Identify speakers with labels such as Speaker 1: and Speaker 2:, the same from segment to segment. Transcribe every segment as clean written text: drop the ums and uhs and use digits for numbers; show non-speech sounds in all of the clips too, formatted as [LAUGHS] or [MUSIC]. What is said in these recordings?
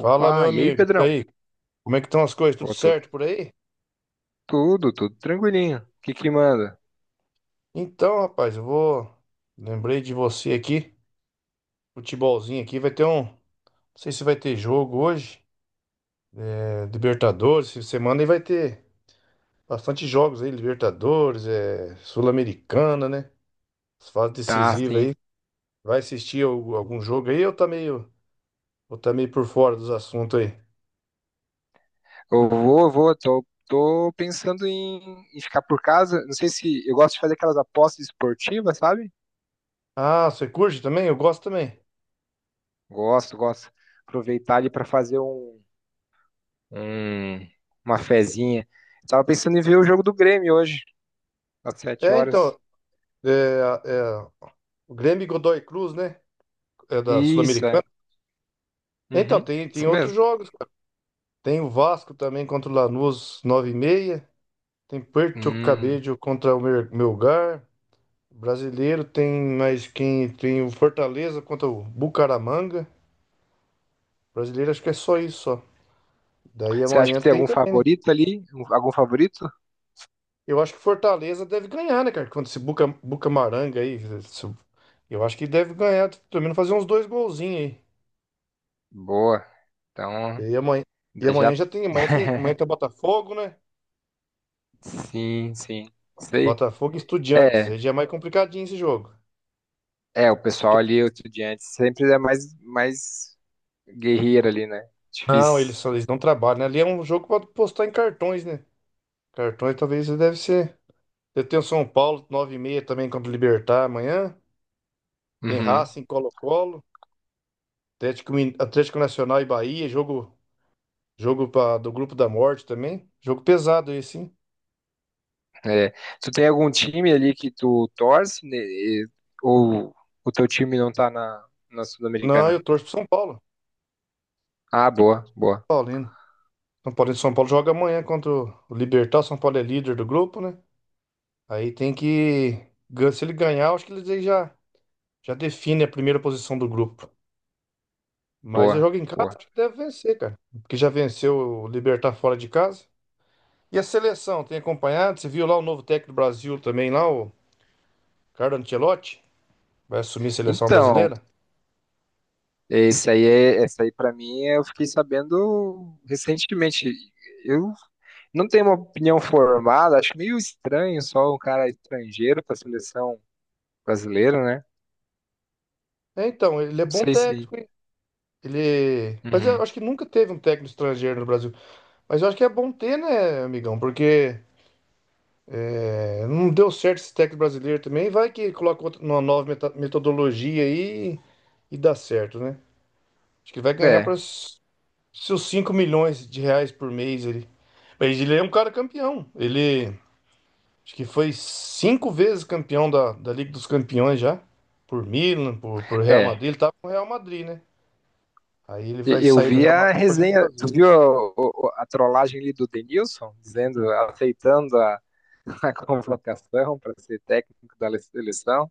Speaker 1: Fala, meu
Speaker 2: e aí,
Speaker 1: amigo. E
Speaker 2: Pedrão?
Speaker 1: aí, como é que estão as coisas? Tudo
Speaker 2: Pô, tu-
Speaker 1: certo por aí?
Speaker 2: tudo, tudo tranquilinho. O que que manda?
Speaker 1: Então, rapaz, eu vou. Lembrei de você aqui. Futebolzinho aqui vai ter um. Não sei se vai ter jogo hoje. É, Libertadores, essa semana e vai ter bastante jogos aí. Libertadores, é, Sul-Americana, né? As fases
Speaker 2: Tá,
Speaker 1: decisivas
Speaker 2: sim.
Speaker 1: aí. Vai assistir algum jogo aí, eu tá meio por fora dos assuntos aí?
Speaker 2: Eu vou, tô pensando em ficar por casa. Não sei se eu gosto de fazer aquelas apostas esportivas, sabe?
Speaker 1: Ah, você curte também? Eu gosto também.
Speaker 2: Gosto, gosto. Aproveitar ali pra fazer um- uma fezinha. Tava pensando em ver o jogo do Grêmio hoje, às sete
Speaker 1: É,
Speaker 2: horas.
Speaker 1: então. É, é, o Grêmio e Godoy Cruz, né? É da
Speaker 2: Isso,
Speaker 1: Sul-Americana.
Speaker 2: é.
Speaker 1: Então,
Speaker 2: Uhum,
Speaker 1: tem
Speaker 2: isso
Speaker 1: outros
Speaker 2: mesmo.
Speaker 1: jogos, cara. Tem o Vasco também contra o Lanús, 9:30. Tem Puerto
Speaker 2: Hum.
Speaker 1: Cabello contra o Melgar. Brasileiro tem mais quem? Tem o Fortaleza contra o Bucaramanga. Brasileiro acho que é só isso, só. Daí
Speaker 2: Você acha que
Speaker 1: amanhã
Speaker 2: tem
Speaker 1: tem
Speaker 2: algum
Speaker 1: também, né?
Speaker 2: favorito ali? Algum favorito?
Speaker 1: Eu acho que Fortaleza deve ganhar, né, cara? Contra esse Bucamaranga aí, eu acho que deve ganhar, pelo menos fazer uns dois golzinhos
Speaker 2: Boa. Então,
Speaker 1: aí. E amanhã
Speaker 2: já.
Speaker 1: já tem, amanhã tem, amanhã
Speaker 2: [LAUGHS]
Speaker 1: tem Botafogo, né?
Speaker 2: Sim, sim. Sei.
Speaker 1: Botafogo e Estudiantes.
Speaker 2: É,
Speaker 1: Aí já é mais complicadinho esse jogo.
Speaker 2: é, o pessoal ali, estudiante, sempre é mais guerreiro ali, né?
Speaker 1: Não, eles,
Speaker 2: Difícil.
Speaker 1: eles não trabalham, né? Ali é um jogo para postar em cartões, né? Cartões talvez deve ser. Eu tenho São Paulo, 9:30 também contra o Libertad amanhã. Tem
Speaker 2: Uhum.
Speaker 1: Racing, Colo-Colo, Atlético, Atlético Nacional e Bahia, jogo pra, do Grupo da Morte também. Jogo pesado esse, hein?
Speaker 2: É. Tu tem algum time ali que tu torce, né? Ou o teu time não tá na
Speaker 1: Não,
Speaker 2: Sul-Americana?
Speaker 1: eu torço pro São Paulo.
Speaker 2: Ah, boa, boa,
Speaker 1: Paulino. São Paulino, São Paulo joga amanhã contra o Libertad. São Paulo é líder do grupo, né? Aí tem que... se ele ganhar, eu acho que ele já, já define a primeira posição do grupo. Mas já
Speaker 2: boa,
Speaker 1: joga em casa,
Speaker 2: boa.
Speaker 1: acho que deve vencer, cara. Porque já venceu o Libertad fora de casa. E a seleção, tem acompanhado? Você viu lá o novo técnico do Brasil também, lá, o Carlo Ancelotti? Vai assumir a seleção
Speaker 2: Então,
Speaker 1: brasileira?
Speaker 2: essa aí pra mim é, eu fiquei sabendo recentemente. Eu não tenho uma opinião formada, acho meio estranho só um cara estrangeiro pra seleção brasileiro, né?
Speaker 1: É, então, ele é
Speaker 2: Não
Speaker 1: bom
Speaker 2: sei se.
Speaker 1: técnico, hein? Ele... Mas eu
Speaker 2: Uhum.
Speaker 1: acho que nunca teve um técnico estrangeiro no Brasil. Mas eu acho que é bom ter, né, amigão? Porque é, não deu certo esse técnico brasileiro também. Vai que coloca uma nova metodologia aí e dá certo, né? Acho que vai ganhar
Speaker 2: É,
Speaker 1: para seus 5 milhões de reais por mês, ele. Mas ele é um cara campeão. Ele acho que foi cinco vezes campeão da, da Liga dos Campeões já. Por Milan, por Real
Speaker 2: é.
Speaker 1: Madrid. Ele tava com o Real Madrid, né? Aí ele vai
Speaker 2: Eu
Speaker 1: sair do
Speaker 2: vi
Speaker 1: Real
Speaker 2: a
Speaker 1: Madrid pra vir
Speaker 2: resenha,
Speaker 1: pro
Speaker 2: tu
Speaker 1: Brasil.
Speaker 2: viu a, trollagem ali do Denilson, dizendo, aceitando a, [LAUGHS] a convocação para ser técnico da seleção?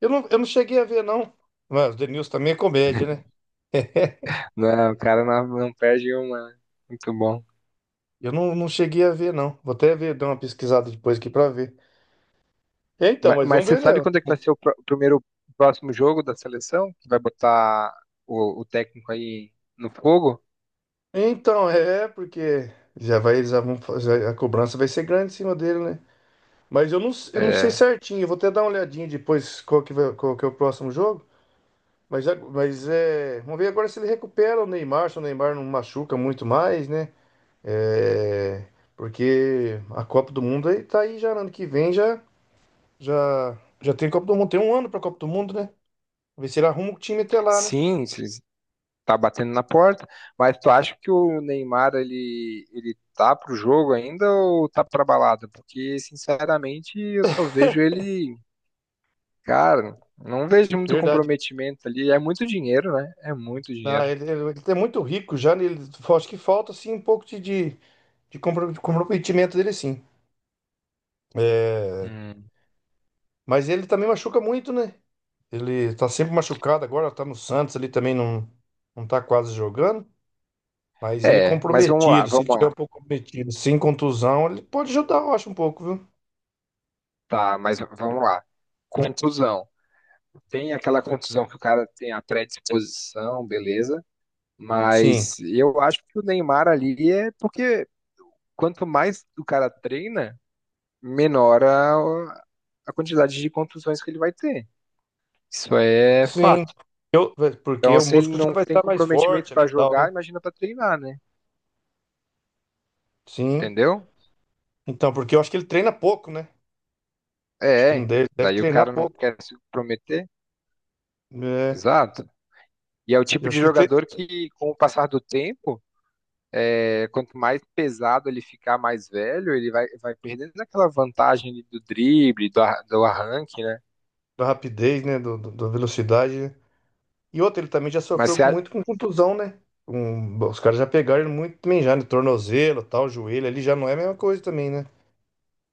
Speaker 1: Eu não cheguei a ver, não. Mas o Denilson também é comédia, né? [LAUGHS]
Speaker 2: Não, o cara não perde uma. Muito bom.
Speaker 1: Eu não, não cheguei a ver, não. Vou até ver, dar uma pesquisada depois aqui pra ver. É, então, mas
Speaker 2: Mas,
Speaker 1: vamos
Speaker 2: você
Speaker 1: ver, né?
Speaker 2: sabe quando é que vai ser o próximo jogo da seleção? Que vai botar o técnico aí no fogo?
Speaker 1: Então, é, porque já vai, já vão, a cobrança vai ser grande em cima dele, né? Eu não sei
Speaker 2: É,
Speaker 1: certinho. Eu vou até dar uma olhadinha depois qual que, qual que é o próximo jogo. Mas, mas é... Vamos ver agora se ele recupera o Neymar, se o Neymar não machuca muito mais, né? É, porque a Copa do Mundo aí tá aí já ano que vem, já, já tem Copa do Mundo. Tem um ano pra Copa do Mundo, né? Ver se ele arruma o time até lá, né?
Speaker 2: sim, tá batendo na porta, mas tu acha que o Neymar ele tá pro jogo ainda ou tá pra balada? Porque sinceramente eu só vejo ele, cara, não vejo muito
Speaker 1: Verdade.
Speaker 2: comprometimento ali, é muito dinheiro, né? É muito
Speaker 1: Ah,
Speaker 2: dinheiro.
Speaker 1: ele é muito rico já, né? Ele, acho que falta assim um pouco de, de comprometimento dele, sim. É,
Speaker 2: Hum.
Speaker 1: mas ele também machuca muito, né? Ele tá sempre machucado agora, tá no Santos ali também, não, não tá quase jogando. Mas ele
Speaker 2: É, mas vamos lá,
Speaker 1: comprometido, se
Speaker 2: vamos
Speaker 1: ele tiver
Speaker 2: lá.
Speaker 1: um pouco comprometido, sem contusão, ele pode ajudar, eu acho, um pouco, viu?
Speaker 2: Tá, mas vamos lá. Contusão. Tem aquela contusão que o cara tem a predisposição, beleza?
Speaker 1: Sim,
Speaker 2: Mas eu acho que o Neymar ali é porque quanto mais o cara treina, menor a quantidade de contusões que ele vai ter. Isso é
Speaker 1: sim.
Speaker 2: fato.
Speaker 1: Eu, porque
Speaker 2: Então,
Speaker 1: o
Speaker 2: se ele
Speaker 1: músculo já
Speaker 2: não
Speaker 1: vai
Speaker 2: tem
Speaker 1: estar mais forte
Speaker 2: comprometimento
Speaker 1: ali e
Speaker 2: para
Speaker 1: tal, né?
Speaker 2: jogar, imagina para treinar, né?
Speaker 1: Sim.
Speaker 2: Entendeu?
Speaker 1: Então, porque eu acho que ele treina pouco, né? Acho que não
Speaker 2: É,
Speaker 1: deve, deve
Speaker 2: daí o
Speaker 1: treinar
Speaker 2: cara não
Speaker 1: pouco.
Speaker 2: quer se comprometer.
Speaker 1: É,
Speaker 2: Exato. E é o
Speaker 1: eu
Speaker 2: tipo de
Speaker 1: acho que tem
Speaker 2: jogador que, com o passar do tempo, é, quanto mais pesado ele ficar, mais velho, ele vai perdendo aquela vantagem ali do drible, do arranque, né?
Speaker 1: da rapidez, né? Da velocidade, né? E outro, ele também já
Speaker 2: Mas
Speaker 1: sofreu
Speaker 2: você,
Speaker 1: muito com contusão, né? Os caras já pegaram ele muito também, já no tornozelo, tal, joelho, ali já não é a mesma coisa também, né?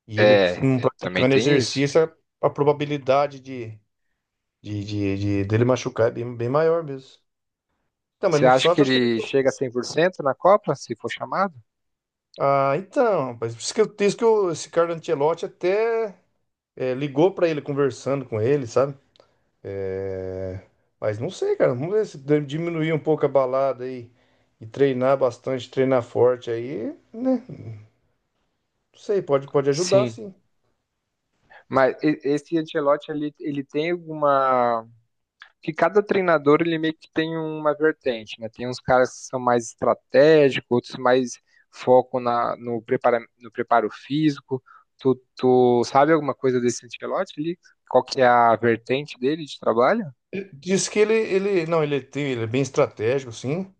Speaker 1: E ele não
Speaker 2: é, também
Speaker 1: praticando
Speaker 2: tem isso.
Speaker 1: exercício, a probabilidade de dele machucar é bem, bem maior mesmo. Então, mas
Speaker 2: Você
Speaker 1: no
Speaker 2: acha que
Speaker 1: Santos, acho que ele...
Speaker 2: ele chega a 100% na Copa, se for chamado?
Speaker 1: Ah, então, rapaz, por isso que eu disse que esse Carlo Ancelotti até ligou pra ele conversando com ele, sabe? É, mas não sei, cara. Vamos ver se diminuir um pouco a balada aí e treinar bastante, treinar forte aí, né? Não sei, pode, pode ajudar,
Speaker 2: Sim.
Speaker 1: sim.
Speaker 2: Mas esse Ancelotti, ele tem alguma... Que cada treinador, ele meio que tem uma vertente, né? Tem uns caras que são mais estratégicos, outros mais foco na, no, prepara, no preparo físico. Tu sabe alguma coisa desse Ancelotti ali? Qual que é a vertente dele de trabalho?
Speaker 1: Diz que ele, não, ele, tem- ele é bem estratégico, sim.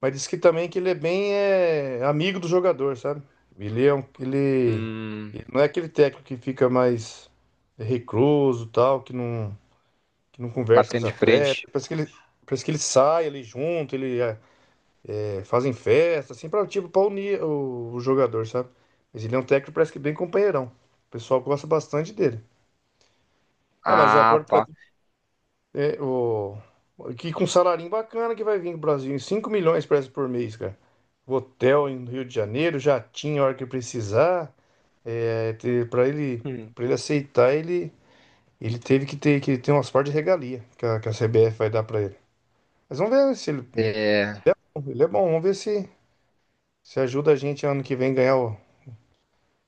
Speaker 1: Mas diz que também que ele é bem é, amigo do jogador, sabe? Ele,
Speaker 2: Hum,
Speaker 1: ele não é aquele técnico que fica mais recluso, tal, que não conversa com os
Speaker 2: Batendo de
Speaker 1: atletas.
Speaker 2: frente.
Speaker 1: Parece que ele sai ali junto, ele é... Fazem festa, assim, pra, tipo, pra unir o jogador, sabe? Mas ele é um técnico, parece que bem companheirão. O pessoal gosta bastante dele. Ah, mas agora
Speaker 2: Ah,
Speaker 1: pra,
Speaker 2: tá.
Speaker 1: é, o, que com um salarinho bacana que vai vir pro Brasil, em 5 milhões parece por mês, cara. Hotel em Rio de Janeiro, jatinho a hora que precisar. É,
Speaker 2: Hum.
Speaker 1: pra ele aceitar, ele teve que ter umas partes de regalia que a CBF vai dar pra ele. Mas vamos ver se ele,
Speaker 2: É,
Speaker 1: ele é bom, vamos ver se, se ajuda a gente ano que vem ganhar o,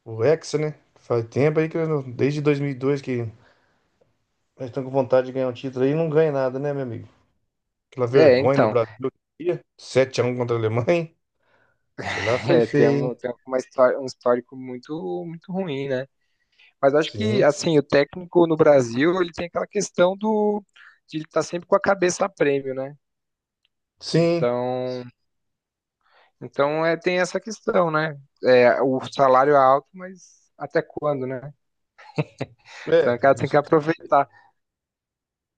Speaker 1: O Hexa, né? Faz tempo aí que eu desde 2002 que nós estamos com vontade de ganhar um título aí e não ganha nada, né, meu amigo? Aquela
Speaker 2: é,
Speaker 1: vergonha no
Speaker 2: então,
Speaker 1: Brasil. Sete x 1 contra a Alemanha. Que lá
Speaker 2: [LAUGHS]
Speaker 1: foi
Speaker 2: é, tem,
Speaker 1: feio,
Speaker 2: um,
Speaker 1: hein?
Speaker 2: tem uma história, um histórico muito, muito ruim, né? Mas acho que
Speaker 1: Sim.
Speaker 2: assim, o técnico no Brasil, ele tem aquela questão do de ele estar sempre com a cabeça a prêmio, né?
Speaker 1: Sim.
Speaker 2: Então, então é, tem essa questão, né? É, o salário é alto, mas até quando, né? Então,
Speaker 1: É,
Speaker 2: o cara tem que aproveitar.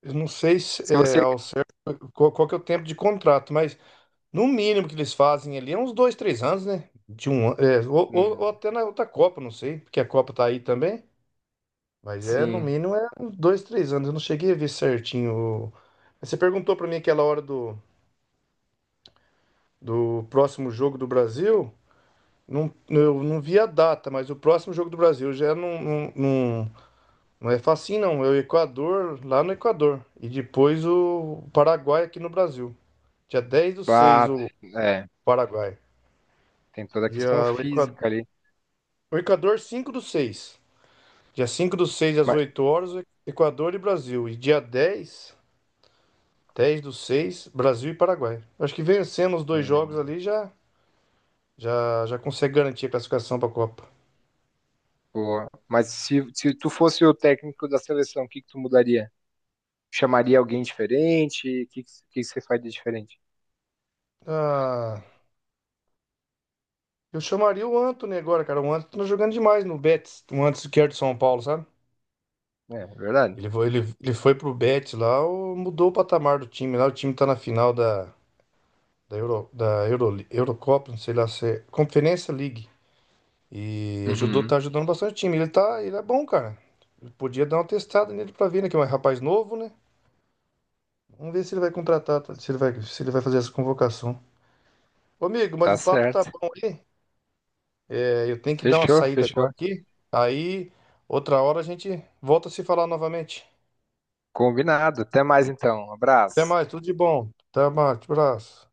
Speaker 1: eu não sei se,
Speaker 2: Se
Speaker 1: é,
Speaker 2: você
Speaker 1: ao certo, qual, qual que é o tempo de contrato, mas no mínimo que eles fazem ali é uns dois, três anos, né? De um, ano, é, ou, ou
Speaker 2: Hum,
Speaker 1: até na outra Copa, não sei, porque a Copa tá aí também. Mas é, no
Speaker 2: sim,
Speaker 1: mínimo, é uns dois, três anos. Eu não cheguei a ver certinho, o-. Você perguntou pra mim aquela hora do, do próximo jogo do Brasil. Não, eu não vi a data, mas o próximo jogo do Brasil já não é facinho, não. É o Equador, lá no Equador. E depois o Paraguai aqui no Brasil. Dia 10/06,
Speaker 2: bate
Speaker 1: o
Speaker 2: é,
Speaker 1: Paraguai.
Speaker 2: tem toda a
Speaker 1: E
Speaker 2: questão
Speaker 1: ah,
Speaker 2: física ali.
Speaker 1: o Equador 05/06. Dia 05/06 às
Speaker 2: Mas,
Speaker 1: 8 horas, o Equador e Brasil. E dia dez, 10 do seis, Brasil e Paraguai. Acho que vencendo os dois jogos
Speaker 2: hum,
Speaker 1: ali já, já consegue garantir a classificação para a Copa.
Speaker 2: boa. Mas se tu fosse o técnico da seleção, o que que tu mudaria? Chamaria alguém diferente? O que você faria diferente?
Speaker 1: Ah, eu chamaria o Antony agora, cara. O Antony tá jogando demais no Betis. O Antony que era de São Paulo, sabe?
Speaker 2: É, é verdade.
Speaker 1: Ele foi pro Betis lá, mudou o patamar do time. Lá o time tá na final da, da, Euro, Eurocopa, não sei lá se é, Conferência League. E ajudou,
Speaker 2: Uhum.
Speaker 1: tá ajudando bastante o time. Ele tá, ele é bom, cara. Ele podia dar uma testada nele pra ver, né? Que é um rapaz novo, né? Vamos ver se ele vai contratar, se ele vai fazer essa convocação. Ô, amigo, mas
Speaker 2: Tá
Speaker 1: o papo tá
Speaker 2: certo.
Speaker 1: bom aí. É, eu tenho que dar uma
Speaker 2: Fechou,
Speaker 1: saída agora
Speaker 2: fechou.
Speaker 1: aqui. Aí, outra hora a gente volta a se falar novamente.
Speaker 2: Combinado. Até mais então. Um
Speaker 1: Até
Speaker 2: abraço.
Speaker 1: mais, tudo de bom. Até mais, abraço.